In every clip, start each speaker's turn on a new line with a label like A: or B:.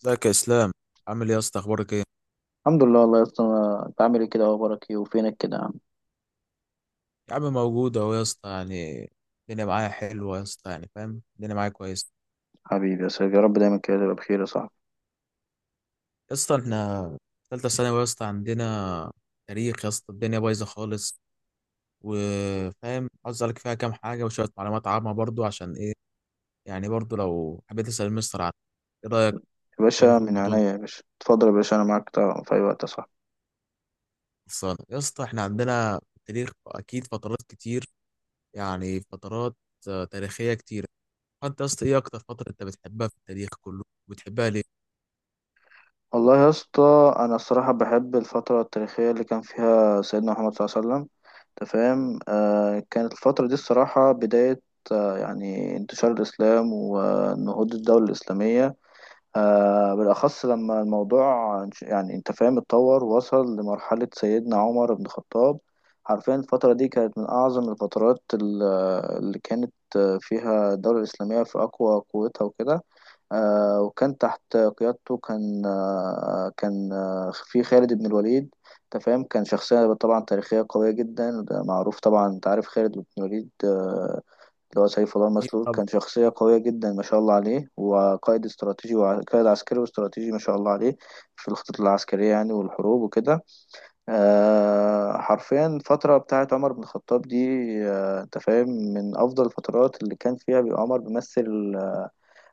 A: ازيك يا اسلام؟ عامل ايه يا اسطى؟ اخبارك ايه؟
B: الحمد لله والله يا اسطى، انت عامل ايه كده؟ اخبارك ايه وفينك كده يا عم؟
A: يا عم موجود اهو يا اسطى يعني. الدنيا معايا حلوه يا اسطى يعني، فاهم، الدنيا معايا كويس.
B: حبيبي يا سيدي، يا رب دايما كده تبقى بخير يا صاحبي.
A: يا اسطى احنا ثالثه ثانوي يا اسطى، عندنا تاريخ يا اسطى الدنيا بايظه خالص. وفاهم عاوز اسالك فيها كام حاجه وشويه معلومات عامه برضو، عشان ايه؟ يعني برضو لو حبيت اسال المستر عن، ايه رايك؟
B: يا
A: كان
B: باشا،
A: في
B: من
A: الموضوع
B: عينيا
A: ده
B: يا باشا، اتفضل يا باشا، انا معاك طبعا في اي وقت يا صاحبي.
A: خلصانه يا اسطى، احنا عندنا في التاريخ اكيد فترات كتير، يعني فترات تاريخيه كتير. انت يا اسطى ايه اكتر فتره انت بتحبها في التاريخ كله؟ بتحبها ليه؟
B: والله يا اسطى، انا الصراحه بحب الفتره التاريخيه اللي كان فيها سيدنا محمد صلى الله عليه وسلم. انت فاهم. كانت الفتره دي الصراحه بدايه، يعني انتشار الاسلام ونهوض الدوله الاسلاميه. بالأخص لما الموضوع يعني أنت فاهم، اتطور ووصل لمرحلة سيدنا عمر بن الخطاب. حرفيا الفترة دي كانت من أعظم الفترات اللي كانت فيها الدولة الإسلامية في أقوى قوتها وكده. وكان تحت قيادته، كان في خالد بن الوليد. أنت فاهم، كان شخصية طبعا تاريخية قوية جدا، ده معروف طبعا. أنت عارف خالد بن الوليد، اللي هو سيف الله
A: اكيد
B: المسلول،
A: طبعا.
B: كان شخصية قوية جدا ما شاء الله عليه، وقائد استراتيجي وقائد عسكري واستراتيجي ما شاء الله عليه في الخطط العسكرية يعني، والحروب وكده. حرفيا الفترة بتاعت عمر بن الخطاب دي، انت فاهم، من أفضل الفترات اللي كان فيها بيبقى عمر بيمثل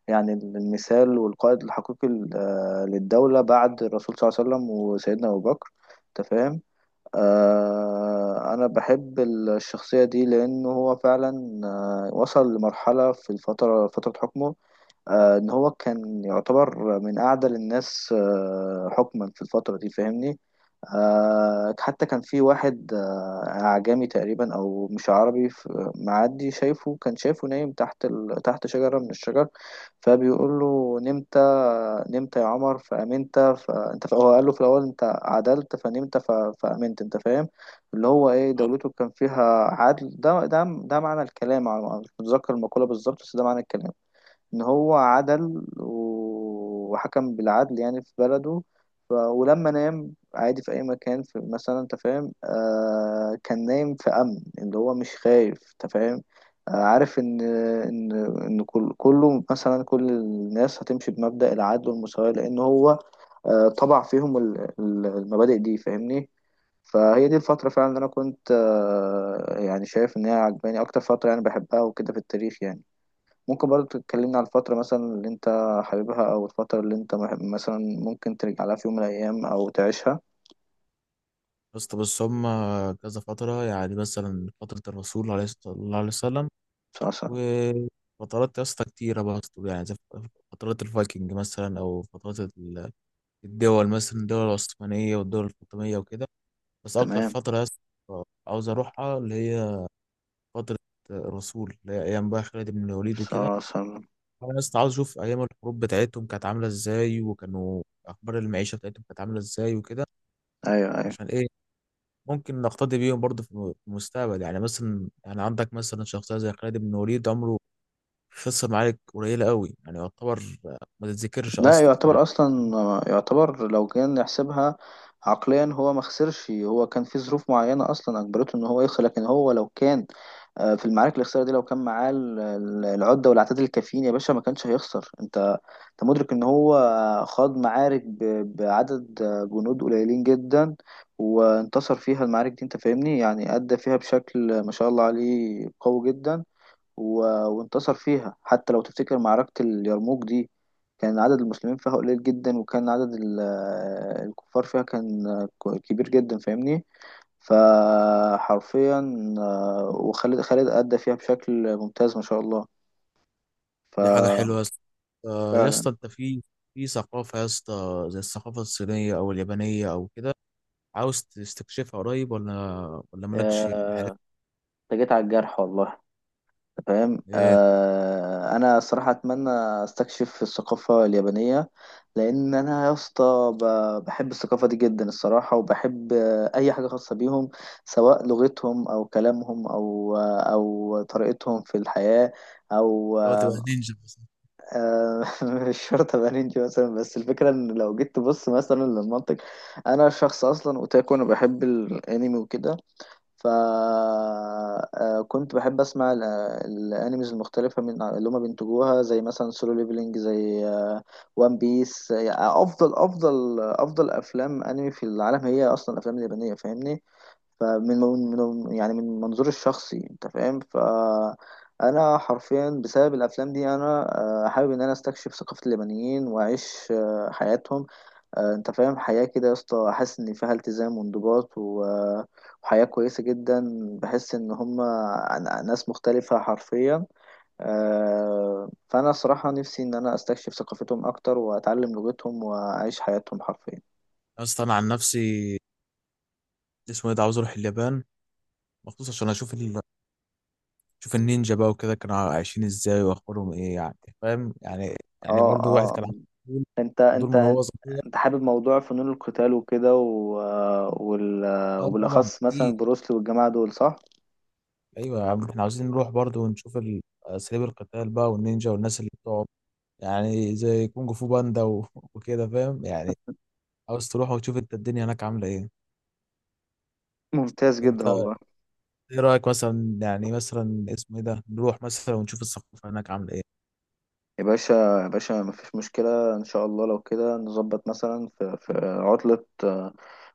B: يعني المثال والقائد الحقيقي، للدولة بعد الرسول صلى الله عليه وسلم وسيدنا أبو بكر. انت فاهم. أنا بحب الشخصية دي لأنه هو فعلا وصل لمرحلة في الفترة فترة حكمه، ان هو كان يعتبر من اعدل الناس حكما في الفترة دي، فاهمني. حتى كان في واحد اعجمي تقريبا او مش عربي، معدي شايفه، كان شايفه نايم تحت تحت شجرة من الشجر، فبيقول له: نمت يا عمر فأمنت. فانت هو قال له في الاول: انت عدلت فنمت فأمنت. انت فاهم، اللي هو ايه، دولته كان فيها عدل. ده معنى الكلام، أنا مش متذكر المقولة بالظبط بس ده معنى الكلام، ان هو عدل وحكم بالعدل يعني في بلده. ولما نام عادي في اي مكان في مثلا، انت فاهم، كان نايم في امن، اللي هو مش خايف، انت فاهم. عارف ان كل كله مثلا، كل الناس هتمشي بمبدأ العدل والمساواة، لان هو طبع فيهم المبادئ دي، فاهمني. فهي دي الفترة فعلا اللي أنا كنت يعني شايف إن هي عجباني أكتر فترة يعني بحبها وكده في التاريخ يعني. ممكن برضه تتكلمنا على الفترة مثلا اللي انت حاببها، او الفترة اللي انت مثلا ممكن ترجع لها في يوم من الايام او تعيشها؟
A: يا اسطى بص هم كذا فتره، يعني مثلا فتره الرسول عليه الصلاه الله عليه وسلم،
B: سلام.
A: وفترات يا اسطى كتيره برضه، يعني زي فترات الفايكنج مثلا او فترات الدول، مثلا الدول العثمانيه والدول الفاطميه وكده. بس اكتر
B: تمام.
A: فتره يا اسطى عاوز اروحها اللي هي فتره الرسول، اللي هي ايام بقى خالد بن الوليد وكده.
B: سلام.
A: انا بس عاوز اشوف ايام الحروب بتاعتهم كانت عامله ازاي، وكانوا اخبار المعيشه بتاعتهم كانت عامله ازاي وكده،
B: ايوه، ايوه.
A: عشان ايه؟ ممكن نقتدي بيهم برضه في المستقبل، يعني مثلا، يعني عندك مثلا شخصيه زي خالد بن وليد عمره خسر معارك قليله قوي، يعني يعتبر ما تتذكرش
B: لا
A: اصلا يعني.
B: يعتبر اصلا، يعتبر لو كان نحسبها عقليا، هو ما خسرش. هو كان في ظروف معينة اصلا اجبرته ان هو يخسر، لكن هو لو كان في المعارك اللي خسرها دي لو كان معاه العدة والعتاد الكافيين يا باشا، ما كانش هيخسر. انت مدرك ان هو خاض معارك بعدد جنود قليلين جدا، وانتصر فيها. المعارك دي انت فاهمني، يعني ادى فيها بشكل ما شاء الله عليه قوي جدا. و... وانتصر فيها. حتى لو تفتكر معركة اليرموك دي، كان عدد المسلمين فيها قليل جدا وكان عدد الكفار فيها كان كبير جدا، فاهمني. فحرفيا، وخالد، أدى فيها بشكل ممتاز ما شاء الله.
A: دي حاجه
B: ففعلا،
A: حلوه يا اسطى. يا اسطى انت في ثقافه يا اسطى زي الثقافه الصينيه او اليابانيه او كده، عاوز تستكشفها قريب ولا مالكش في
B: آه،
A: الحاجات
B: انت جيت على الجرح والله، فاهم.
A: دي؟ ايه.
B: انا الصراحه اتمنى استكشف الثقافه اليابانيه، لان انا يا اسطى بحب الثقافه دي جدا الصراحه، وبحب اي حاجه خاصه بيهم، سواء لغتهم او كلامهم او او طريقتهم في الحياه او
A: لو تبقى نينجا بس.
B: آه، مش شرط ابقى نينجا مثلا، بس الفكره ان لو جيت تبص مثلا للمنطق، انا شخص اصلا اوتاكو، انا بحب الانمي وكده. فكنت بحب اسمع الانيميز المختلفه من اللي هما بينتجوها، زي مثلا سولو ليفلينج، زي وان بيس. افضل افلام انمي في العالم هي اصلا الافلام اليابانيه، فاهمني. يعني من منظوري الشخصي، انت فاهم، فانا حرفيا بسبب الافلام دي انا حابب ان انا استكشف ثقافه اليابانيين واعيش حياتهم. انت فاهم، حياة كده يا اسطى، حاسس ان فيها التزام وانضباط و... آه، حياة كويسة جدا. بحس إن هما ناس مختلفة حرفيا. فأنا صراحة نفسي إن أنا أستكشف ثقافتهم أكتر وأتعلم لغتهم وأعيش حياتهم حرفيا.
A: يا اسطى انا عن نفسي اسمه ايه ده، عاوز اروح اليابان مخصوص عشان اشوف اشوف النينجا بقى وكده، كانوا عايشين ازاي واخبارهم ايه يعني، فاهم يعني. يعني
B: اه،
A: برضو واحد
B: اه.
A: كان عنده فضول
B: انت
A: فضول
B: انت
A: من
B: انت
A: وهو صغير.
B: أنت حابب موضوع فنون القتال وكده وال...
A: اه طبعا
B: وبالأخص
A: اكيد.
B: مثلا بروسلي والجماعة دول، صح؟
A: ايوه يا عم، احنا عاوزين نروح برضو ونشوف اساليب القتال بقى والنينجا والناس اللي بتقعد، يعني زي كونج فو باندا وكده فاهم يعني. عاوز تروح وتشوف انت الدنيا هناك عامله ايه؟
B: ممتاز جدا
A: انت
B: والله.
A: ايه رايك مثلا يعني، مثلا اسمه ايه ده نروح مثلا ونشوف الثقافه هناك عامله ايه؟
B: يا باشا، يا باشا، مفيش مشكلة إن شاء الله، لو كده نظبط مثلا في عطلة،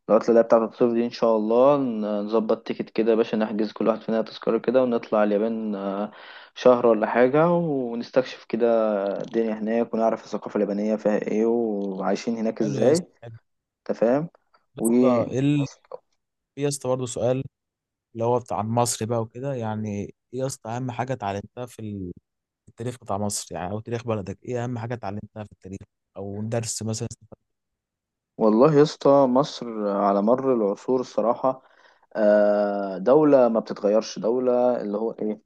B: العطلة اللي هي بتاعة الصيف دي، إن شاء الله نظبط تيكت كده يا باشا، نحجز كل واحد فينا تذكرة كده ونطلع اليابان شهر ولا حاجة، ونستكشف كده الدنيا هناك، ونعرف الثقافة اليابانية فيها إيه وعايشين هناك
A: حلو يا
B: إزاي.
A: اسطى، يا
B: أنت فاهم. و
A: اسطى ايه في يا اسطى برضه سؤال، اللي هو بتاع مصر بقى وكده، يعني ايه يا اسطى اهم حاجه اتعلمتها في التاريخ بتاع مصر، يعني او تاريخ بلدك ايه اهم حاجه اتعلمتها في التاريخ، او درس مثلا استفدت
B: والله يا اسطى، مصر على مر العصور الصراحة دولة ما بتتغيرش، دولة اللي هو إيه،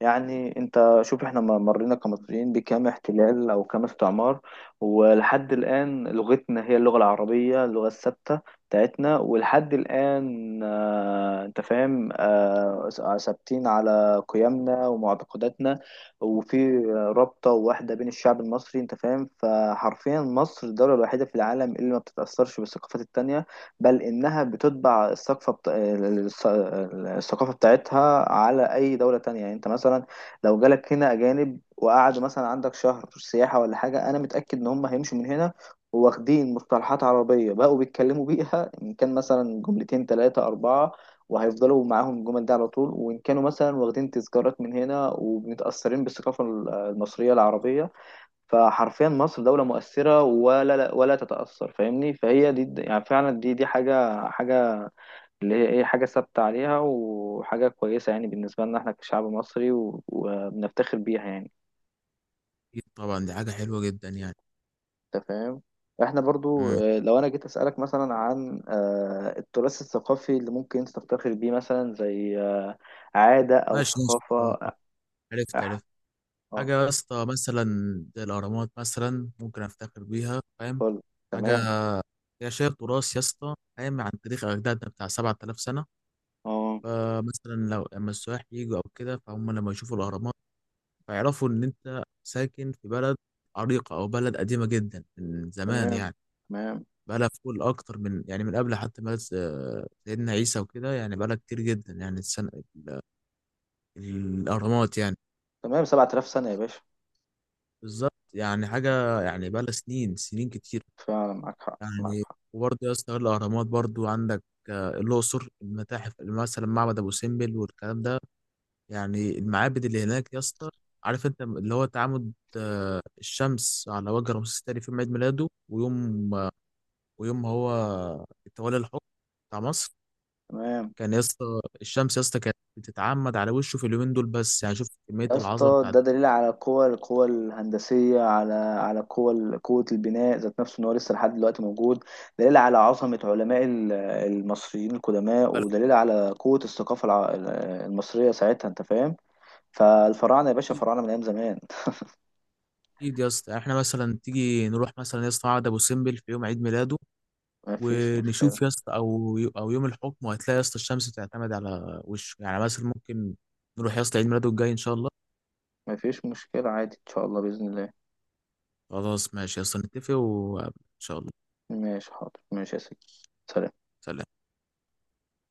B: يعني انت شوف، احنا مرينا كمصريين بكام احتلال او كام استعمار، ولحد الان لغتنا هي اللغة العربية، اللغة الثابتة بتاعتنا، ولحد الان انت فاهم، ثابتين على قيمنا ومعتقداتنا، وفي رابطة واحدة بين الشعب المصري، انت فاهم. فحرفيا مصر الدولة الوحيدة في العالم اللي ما بتتأثرش بالثقافات التانية، بل إنها بتطبع الثقافة الثقافة بتاعتها على أي دولة تانية، يعني أنت مثلا لو جالك هنا أجانب وقعدوا مثلا عندك شهر سياحة ولا حاجة، أنا متأكد إن هم هيمشوا من هنا واخدين مصطلحات عربية بقوا بيتكلموا بيها، إن كان مثلا جملتين تلاتة أربعة، وهيفضلوا معاهم الجمل دي على طول، وإن كانوا مثلا واخدين تذكارات من هنا ومتأثرين بالثقافة المصرية العربية. فحرفيا مصر دولة مؤثرة، ولا ولا تتأثر، فاهمني. فهي دي يعني فعلا دي حاجة اللي هي ايه، حاجة ثابتة عليها وحاجة كويسة يعني بالنسبة لنا احنا كشعب مصري، وبنفتخر بيها يعني.
A: بيه؟ طبعا دي حاجه حلوه جدا يعني.
B: انت فاهم. احنا برضو
A: امم.
B: لو انا جيت اسألك مثلا عن التراث الثقافي اللي ممكن انت تفتخر بيه مثلا، زي عادة او
A: ماشي ماشي
B: ثقافة
A: طبعاً، طبعاً. عرفت
B: أح-
A: عرفت حاجه
B: اه.
A: يا اسطى مثلا زي الاهرامات، مثلا ممكن افتخر بيها، فاهم.
B: فل-
A: حاجه
B: تمام.
A: يا شايف تراث يا اسطى، فاهم، عن تاريخ اجدادنا بتاع 7000 سنه.
B: اه.
A: فمثلا لو اما السياح يجوا او كده، فهم لما يشوفوا الاهرامات فيعرفوا ان انت ساكن في بلد عريقة، او بلد قديمة جدا من زمان
B: تمام،
A: يعني.
B: تمام،
A: بقالها في كل اكتر من، يعني من قبل حتى ما سيدنا عيسى وكده يعني، بقالها كتير جدا يعني السنة ال- الاهرامات يعني.
B: تمام. 7000 سنة يا باشا.
A: بالظبط، يعني حاجة يعني بقالها سنين سنين كتير
B: فعلا معاك حق، معاك
A: يعني.
B: حق.
A: وبرضه يا اسطى غير الاهرامات، برضه عندك الاقصر، المتاحف مثلا، معبد ابو سمبل والكلام ده يعني، المعابد اللي هناك يا اسطى، عارف انت اللي هو تعامد الشمس على وجه رمسيس الثاني في يوم عيد ميلاده ويوم هو تولى الحكم بتاع مصر.
B: تمام.
A: كان يا اسطى، الشمس يا اسطى كانت بتتعمد على وشه في اليومين دول بس، يعني شوف كمية
B: يا
A: العظمة
B: اسطى،
A: بتاعت
B: ده دليل على القوة، القوة الهندسية، على القوة، قوة البناء ذات نفسه، ان هو لسه لحد دلوقتي موجود. دليل على عظمة علماء المصريين القدماء،
A: البلد.
B: ودليل على قوة الثقافة المصرية ساعتها، انت فاهم. فالفراعنة يا باشا،
A: اكيد.
B: فراعنة من ايام زمان.
A: أكيد يا اسطى، يعني احنا مثلا تيجي نروح مثلا يا اسطى معبد ابو سمبل في يوم عيد ميلاده
B: مفيش مشكلة،
A: ونشوف يا اسطى، او يوم الحكم، وهتلاقي يا اسطى الشمس بتعتمد على وشه، يعني مثلا ممكن نروح يا اسطى عيد ميلاده الجاي ان شاء الله.
B: مفيش مشكلة، عادي ان شاء الله، بإذن الله.
A: خلاص ماشي، اصلا نتفق وان شاء الله.
B: ماشي، حاضر، ماشي يا سيدي. سلام.
A: سلام.